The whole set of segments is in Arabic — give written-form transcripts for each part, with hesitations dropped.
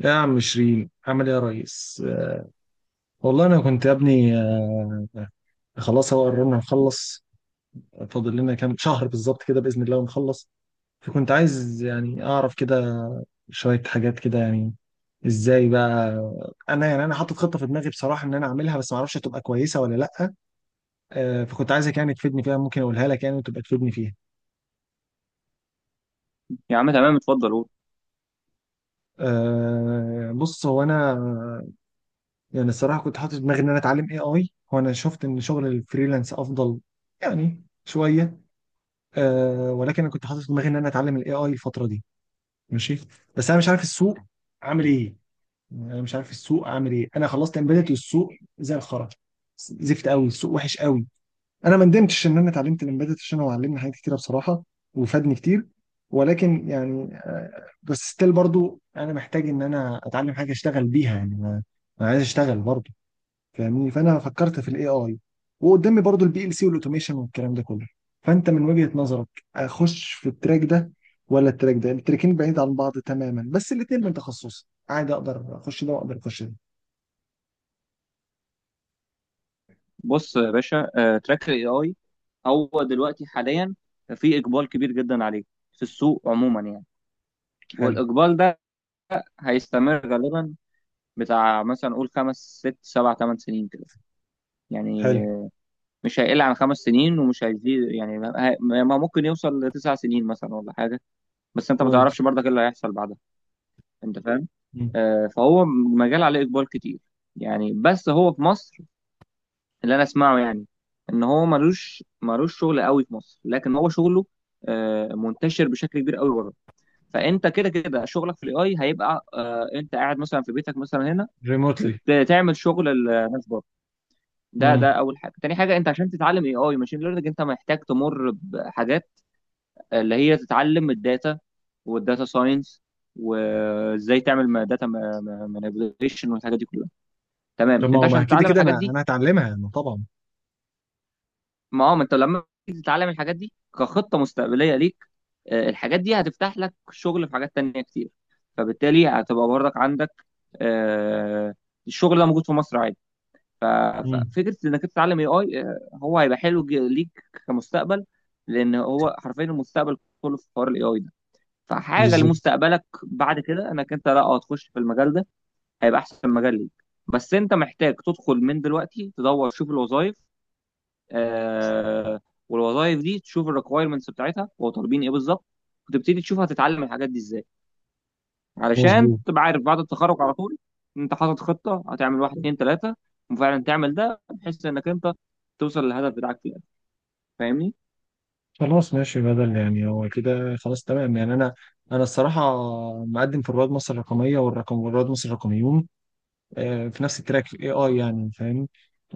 يا عم شيرين، عامل ايه يا ريس؟ والله انا كنت يا ابني. خلاص هو قررنا نخلص. فاضل لنا كام شهر بالظبط كده باذن الله ونخلص. فكنت عايز يعني اعرف كده شويه حاجات كده يعني ازاي بقى. انا يعني انا حاطط خطه في دماغي بصراحه ان انا اعملها، بس ما اعرفش هتبقى كويسه ولا لا. فكنت عايزك يعني تفيدني فيها، ممكن اقولها لك يعني وتبقى تفيدني فيها. يا عم، تمام، اتفضل قول. بص هو انا يعني الصراحه كنت حاطط في دماغي ان انا اتعلم اي اي، وانا شفت ان شغل الفريلانس افضل يعني شويه. ولكن انا كنت حاطط في دماغي ان انا اتعلم الاي اي الفتره دي. ماشي. بس انا مش عارف السوق عامل ايه. يعني انا مش عارف السوق عامل ايه، انا خلصت امبيدت والسوق زي الخرا، زفت قوي، السوق وحش قوي. انا ما ندمتش ان انا اتعلمت الامبيدت عشان هو علمني حاجات كتيره بصراحه، وفادني كتير. ولكن يعني بس ستيل برضو انا محتاج ان انا اتعلم حاجه اشتغل بيها يعني. انا، أنا عايز اشتغل برضو فاهمني. فانا فكرت في الاي اي، وقدامي برضو البي ال سي والاوتوميشن والكلام ده كله. فانت من وجهة نظرك، اخش في التراك ده ولا التراك ده؟ التراكين بعيد عن بعض تماما، بس الاثنين من تخصصي عادي، اقدر اخش ده واقدر اخش ده. بص يا باشا، تراك الاي اي هو دلوقتي حاليا في اقبال كبير جدا عليه في السوق عموما، يعني. حلو. والاقبال ده هيستمر غالبا بتاع مثلا قول خمس ست سبع ثمان سنين كده، يعني. حلو. مش هيقل عن خمس سنين ومش هيزيد، يعني ما ممكن يوصل لتسع سنين مثلا ولا حاجه. بس انت ما تعرفش كويس. برضك ايه اللي هيحصل بعدها. انت فاهم؟ مم. فهو مجال عليه اقبال كتير، يعني. بس هو في مصر، اللي انا اسمعه يعني، ان هو ملوش شغل قوي في مصر، لكن هو شغله منتشر بشكل كبير قوي بره. فانت كده كده شغلك في الاي هيبقى، انت قاعد مثلا في بيتك مثلا هنا ريموتلي. وبتعمل شغل الناس بره. ده امم اول حاجه. تاني حاجه، انت عشان تتعلم اي اي ماشين ليرنينج انت محتاج تمر بحاجات اللي هي تتعلم الداتا والداتا ساينس، وازاي تعمل داتا مانيبيوليشن والحاجات دي كلها. تمام. طب ما انت هو ما عشان كده تتعلم كده الحاجات انا دي، انا هتعلمها يعني طبعا. ما هو ما انت لما تيجي تتعلم الحاجات دي كخطه مستقبليه ليك، الحاجات دي هتفتح لك شغل في حاجات تانية كتير. فبالتالي هتبقى برضك عندك، آه، الشغل ده موجود في مصر عادي. ف- امم. ففكره انك تتعلم اي اي هو هيبقى حلو ليك، كمستقبل، لان هو حرفيا المستقبل كله في حوار الاي اي ده. فحاجه بالظبط. لمستقبلك بعد كده انك انت، لا، تخش في المجال ده هيبقى احسن مجال ليك. بس انت محتاج تدخل من دلوقتي، تدور تشوف الوظائف، آه والوظائف دي تشوف الريكوايرمنتس بتاعتها هو طالبين ايه بالظبط، وتبتدي تشوف هتتعلم الحاجات دي ازاي، علشان مظبوط. تبقى عارف بعد التخرج على طول، إن انت حاطط خطه هتعمل واحد اتنين تلاته، وفعلا تعمل ده بحيث انك انت توصل للهدف بتاعك في الاخر. فاهمني؟ خلاص ماشي، بدل يعني هو كده خلاص تمام يعني. انا، انا الصراحه مقدم في رواد مصر الرقميه، رواد مصر الرقميون، في نفس التراك في الاي اي يعني فاهم.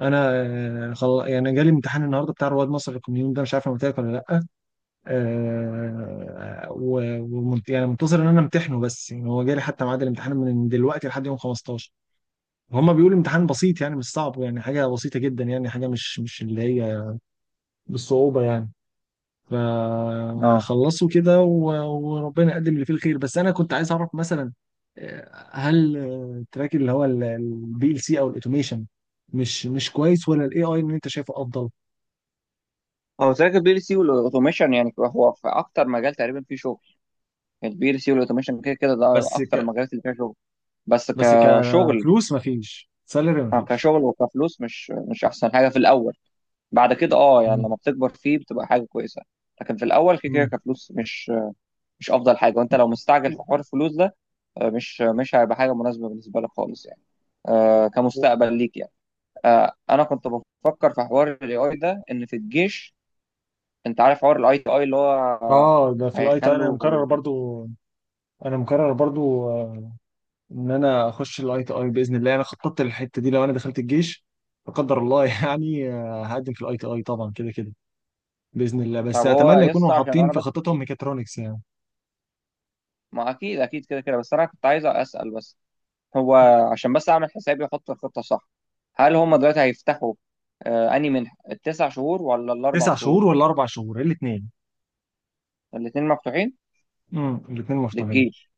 انا يعني جالي امتحان النهارده بتاع رواد مصر للكوميون ده، مش عارف انا قلت لك ولا لا. يعني منتظر ان انا امتحنه، بس يعني هو جالي حتى ميعاد الامتحان من دلوقتي لحد يوم 15. هما بيقولوا امتحان بسيط يعني مش صعب، يعني حاجه بسيطه جدا، يعني حاجه مش اللي هي بالصعوبه يعني. اه، فهخلصه كده وربنا يقدم اللي فيه الخير. بس انا كنت عايز اعرف مثلا هل التراك اللي هو البي ال سي او الاوتوميشن مش كويس، ولا الاي اي اللي انت شايفه افضل؟ هو تراك البي ال سي والاوتوميشن، يعني هو في اكتر مجال تقريبا فيه شغل. البي ال سي والاوتوميشن كده كده ده بس اكتر ك المجالات اللي فيها شغل، بس بس كشغل. كفلوس، مفيش سالري مفيش. كشغل وكفلوس مش احسن حاجه في الاول. بعد كده اه، يعني مم. لما بتكبر فيه بتبقى حاجه كويسه. لكن في الاول كده كده مم. كفلوس مش افضل حاجه، وانت لو مستعجل و- في حوار الفلوس ده، مش هيبقى حاجه مناسبه بالنسبه لك خالص يعني، و- كمستقبل ليك يعني. انا كنت بفكر في حوار الاي اي ده ان في الجيش. انت عارف حوار الاي تي اي اللي هو، اه ده في الاي تي، انا مكرر هيخلوا. برضو. انا مكرر برضو ان انا اخش الاي تي اي باذن الله. انا خططت للحته دي لو انا دخلت الجيش لا قدر الله يعني. هقدم في الاي تي اي طبعا كده كده باذن الله، بس طب هو اتمنى يكونوا يسطا، عشان حاطين انا في بس، خطتهم ميكاترونكس يعني. ما اكيد اكيد كده كده، بس انا كنت عايز اسال بس هو عشان بس اعمل حسابي احط الخطه صح. هل هم دلوقتي هيفتحوا، اني منها التسع شهور ولا الاربع تسع شهور؟ شهور ولا 4 شهور الاثنين. الاثنين مفتوحين الاثنين مفتوحين. للجيش.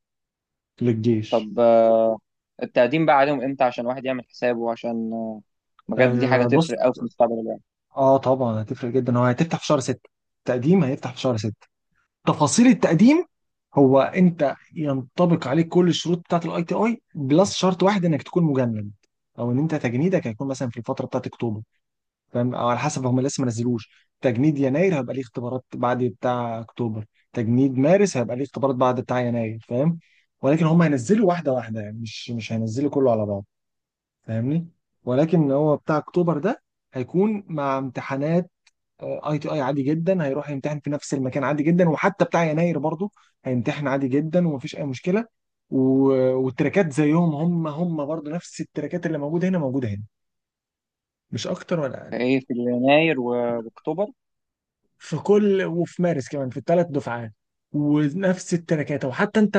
للجيش. طب، التقديم بقى عليهم امتى عشان الواحد يعمل حسابه، عشان بجد دي حاجه بص. تفرق قوي في مستقبل الواحد. اه طبعا هتفرق جدا. هو هتفتح في شهر 6، التقديم هيفتح في شهر 6. تفاصيل التقديم، هو انت ينطبق عليك كل الشروط بتاعه الاي تي اي، بلس شرط واحد انك تكون مجند او ان انت تجنيدك هيكون مثلا في الفتره بتاعت اكتوبر، فاهم؟ او على حسب هم لسه ما نزلوش. تجنيد يناير هيبقى ليه اختبارات بعد بتاع اكتوبر، تجنيد مارس هيبقى ليه اختبارات بعد بتاع يناير فاهم؟ ولكن هم هينزلوا واحده واحده، يعني مش هينزلوا كله على بعض فاهمني. ولكن هو بتاع اكتوبر ده هيكون مع امتحانات اي تي اي عادي جدا، هيروح يمتحن في نفس المكان عادي جدا، وحتى بتاع يناير برضه هيمتحن عادي جدا ومفيش اي مشكله. والتراكات زيهم، هم برضه نفس التراكات اللي موجوده هنا موجوده هنا، مش اكتر ولا اقل. فايه في يناير واكتوبر. في كل وفي مارس كمان، في الثلاث دفعات ونفس التراكات. وحتى انت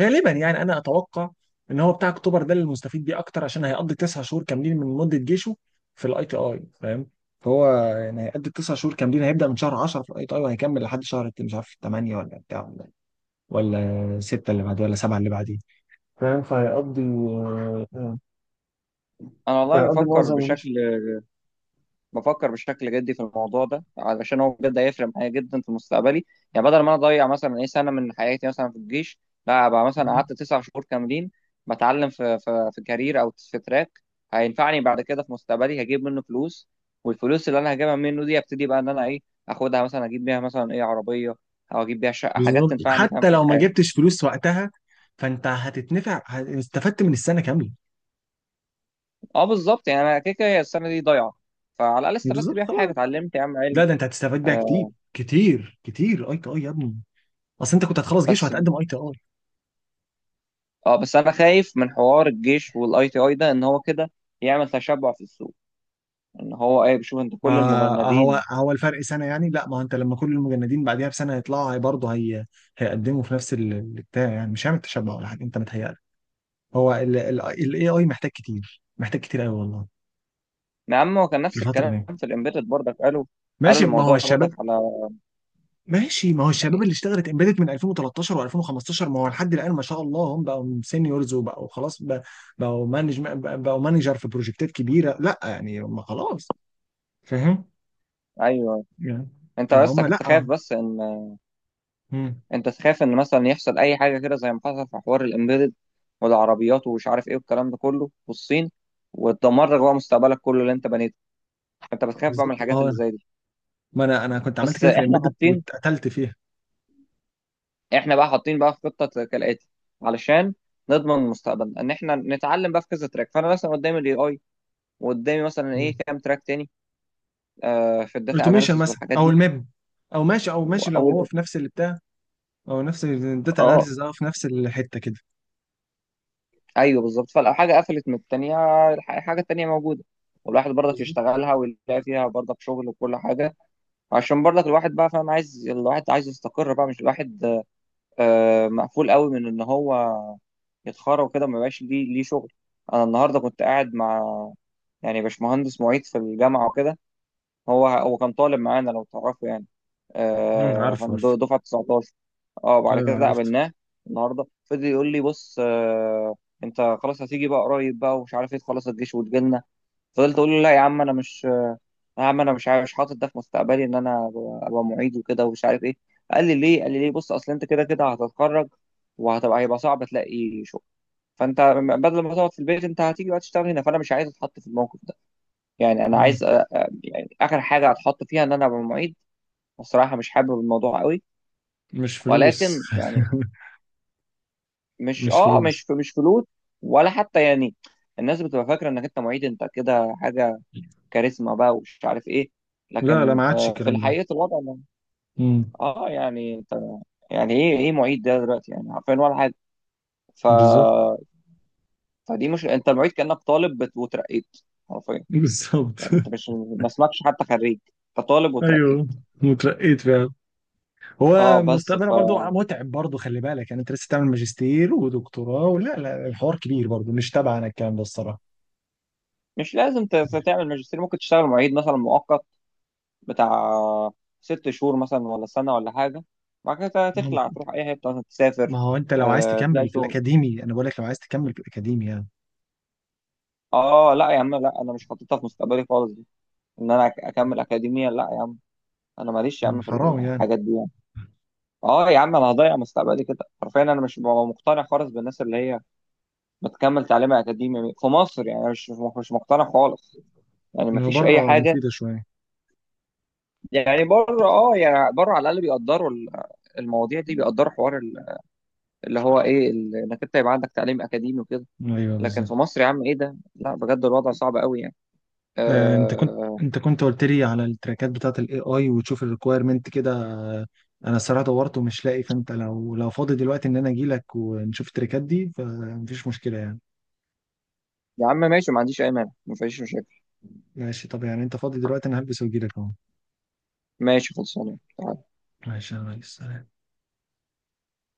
غالبا يعني انا اتوقع ان هو بتاع اكتوبر ده اللي مستفيد بيه اكتر، عشان هيقضي 9 شهور كاملين من مده جيشه في الاي تي اي فاهم. فهو يعني هيقضي 9 شهور كاملين، هيبدا من شهر 10 في الاي تي اي وهيكمل لحد شهر مش عارف 8 ولا بتاع ولا ولا 6 اللي بعديه ولا 7 اللي بعديه فاهم. فهيقضي انا والله فهيقضي بفكر معظم بشكل، الجيش. بفكر بشكل جدي في الموضوع ده علشان هو بجد هيفرق معايا جدا في مستقبلي. يعني بدل ما انا اضيع مثلا، ايه، سنه من حياتي مثلا في الجيش، لا، ابقى مثلا قعدت تسع شهور كاملين بتعلم في كارير او في تراك هينفعني بعد كده في مستقبلي، هجيب منه فلوس. والفلوس اللي انا هجيبها منه دي ابتدي بقى ان انا، ايه، اخدها مثلا اجيب بيها مثلا، ايه، عربيه، او اجيب بيها شقه، حاجات بالظبط، تنفعني، فاهم، حتى في لو ما الحياه. جبتش فلوس وقتها فانت هتتنفع، استفدت من السنه كامله. اه بالظبط، يعني انا كده كده هي السنه دي ضايعه. فعلى الاقل استفدت بالظبط بيها في حاجه، خلاص. اتعلمت يا عم لا علم. ده انت هتستفاد بيها كتير، آه كتير كتير. اي تي اي يا ابني، اصل انت كنت هتخلص جيش بس وهتقدم اي تي اي. اه بس انا خايف من حوار الجيش والاي تي اي ده ان هو كده يعمل تشبع في السوق، ان هو، ايه، بيشوف انت كل ما هو المجندين. الفرق سنه يعني. لا، ما هو انت لما كل المجندين بعديها بسنه هيطلعوا، هي برضه هيقدموا في نفس البتاع، يعني مش هيعمل تشبع ولا حاجه، انت متهيألك. هو الاي اي محتاج كتير، محتاج كتير قوي والله يا عم، هو كان في نفس الفتره الكلام دي. في الامبيدد برضك، قالوا ماشي. ما هو الموضوع برضك الشباب. على، ماشي، ما هو الشباب يعني. اللي اشتغلت امبيدد من 2013 و2015 ما هو لحد الان ما شاء الله هم بقوا سينيورز وبقوا خلاص بقوا مانجر في بروجكتات كبيره، لا يعني هم خلاص فاهم ايوه يعني. انت بس فهم كنت خايف لا. بس ان مم. انت تخاف ان مثلا يحصل اي حاجه كده زي ما حصل في حوار الامبيدد والعربيات ومش عارف ايه والكلام ده كله، والصين، وتدمر لك بقى مستقبلك كله اللي انت بنيته. انت بتخاف بقى من بالظبط، ما الحاجات هو اللي زي دي. ما انا كنت عملت بس كده في احنا الامبيدد حاطين واتقتلت فيها. احنا بقى حاطين بقى في خطه كالاتي علشان نضمن مستقبلنا ان احنا نتعلم بقى في كذا تراك. فانا مثلا قدامي الاي اي، وقدامي مثلا، ايه، كام تراك تاني، في الداتا اوتوميشن اناليسيس مثلا والحاجات او دي. الميم، او ماشي لو واول هو في نفس اللي بتاع، او نفس الداتا اه اناليسيز اه، في نفس الحته كده. ايوه بالظبط، فلو حاجه قفلت من التانيه، الحاجه التانيه موجوده، والواحد برضك بالظبط. يشتغلها ويلاقي فيها برضك شغل وكل حاجه. عشان برضك الواحد بقى فاهم، عايز الواحد عايز يستقر بقى، مش الواحد مقفول قوي من ان هو يتخرج كده ما يبقاش ليه شغل. انا النهارده كنت قاعد مع، يعني، باشمهندس معيد في الجامعة وكده. هو كان طالب معانا لو تعرفوا يعني، امم. عارف عارف. دفعة 19. اه بعد ايوه كده عرفت. قابلناه النهارده فضل يقول لي: بص، انت خلاص هتيجي بقى قريب بقى ومش عارف ايه، تخلص الجيش وتجيلنا. فضلت اقول له: لا يا عم انا مش، يا عم انا مش عارف، مش حاطط ده في مستقبلي ان انا أبقى معيد وكده ومش عارف ايه. قال لي ليه بص، اصل انت كده كده هتتخرج، هيبقى صعب تلاقي شغل. فانت بدل ما تقعد في البيت انت هتيجي بقى تشتغل هنا. فانا مش عايز اتحط في الموقف ده. يعني انا مم. عايز يعني اخر حاجه هتحط فيها ان انا ابقى معيد. بصراحه مش حابب الموضوع قوي. مش فلوس ولكن يعني مش مش اه مش فلوس. في مش فلوس، ولا حتى يعني، الناس بتبقى فاكره انك انت معيد انت كده حاجه، كاريزما بقى ومش عارف ايه. لا لا، لكن ما عادش في الكلام ده. الحقيقه الوضع امم. يعني انت، يعني ايه معيد ده دلوقتي، يعني عارفين ولا حاجه. ف بالظبط. فدي، مش انت المعيد كانك طالب وترقيت حرفيا. بالظبط يعني انت مش، ما اسمكش حتى خريج، انت طالب وترقيت. ايوه، وترقيت فعلا. هو اه بس مستقبلها برضو متعب برضو، خلي بالك يعني، انت لسه تعمل ماجستير ودكتوراه ولا لا؟ الحوار كبير برضو، مش تبعنا الكلام ده الصراحه. مش لازم تعمل ماجستير. ممكن تشتغل معيد مثلا مؤقت بتاع ست شهور مثلا ولا سنة ولا حاجة. بعد كده مم. تخلع تروح أي حتة، مثلا ما تسافر، هو انت لو عايز تلاقي تكمل في شغل. الاكاديمي، انا بقول لك لو عايز تكمل في الاكاديمي يعني. اه لا يا عم، لا، انا مش حاططها في مستقبلي خالص دي، ان انا اكمل اكاديميا. لا يا عم، انا ماليش يا مم. عم في حرام يعني. الحاجات دي يعني. اه يا عم انا هضيع مستقبلي كده حرفيا. انا مش ببقى مقتنع خالص بالناس اللي هي بتكمل تعليمها اكاديمي في مصر، يعني أنا مش مقتنع خالص، يعني إنه مفيش اي بره حاجة. مفيده شويه. يعني بره، اه، يعني بره على الاقل بيقدروا المواضيع دي، بيقدروا حوار اللي هو ايه انك انت يبقى عندك تعليم اكاديمي وكده. ايوه لكن في بالظبط. مصر يا عم، ايه ده، لا، بجد الوضع صعب قوي يعني. انت كنت آه قلت لي على التراكات بتاعت الاي اي وتشوف الريكويرمنت كده. انا الصراحه دورت ومش لاقي، فانت لو فاضي دلوقتي ان انا اجي لك ونشوف التراكات دي فمفيش مشكله يعني. يا عم ماشي، ما عنديش اي مانع، ما فيش مشاكل. ماشي، طب يعني انت فاضي دلوقتي، انا هلبس واجي لك اهو. ماشي، خلصانه. ماشي يا ريس، سلام.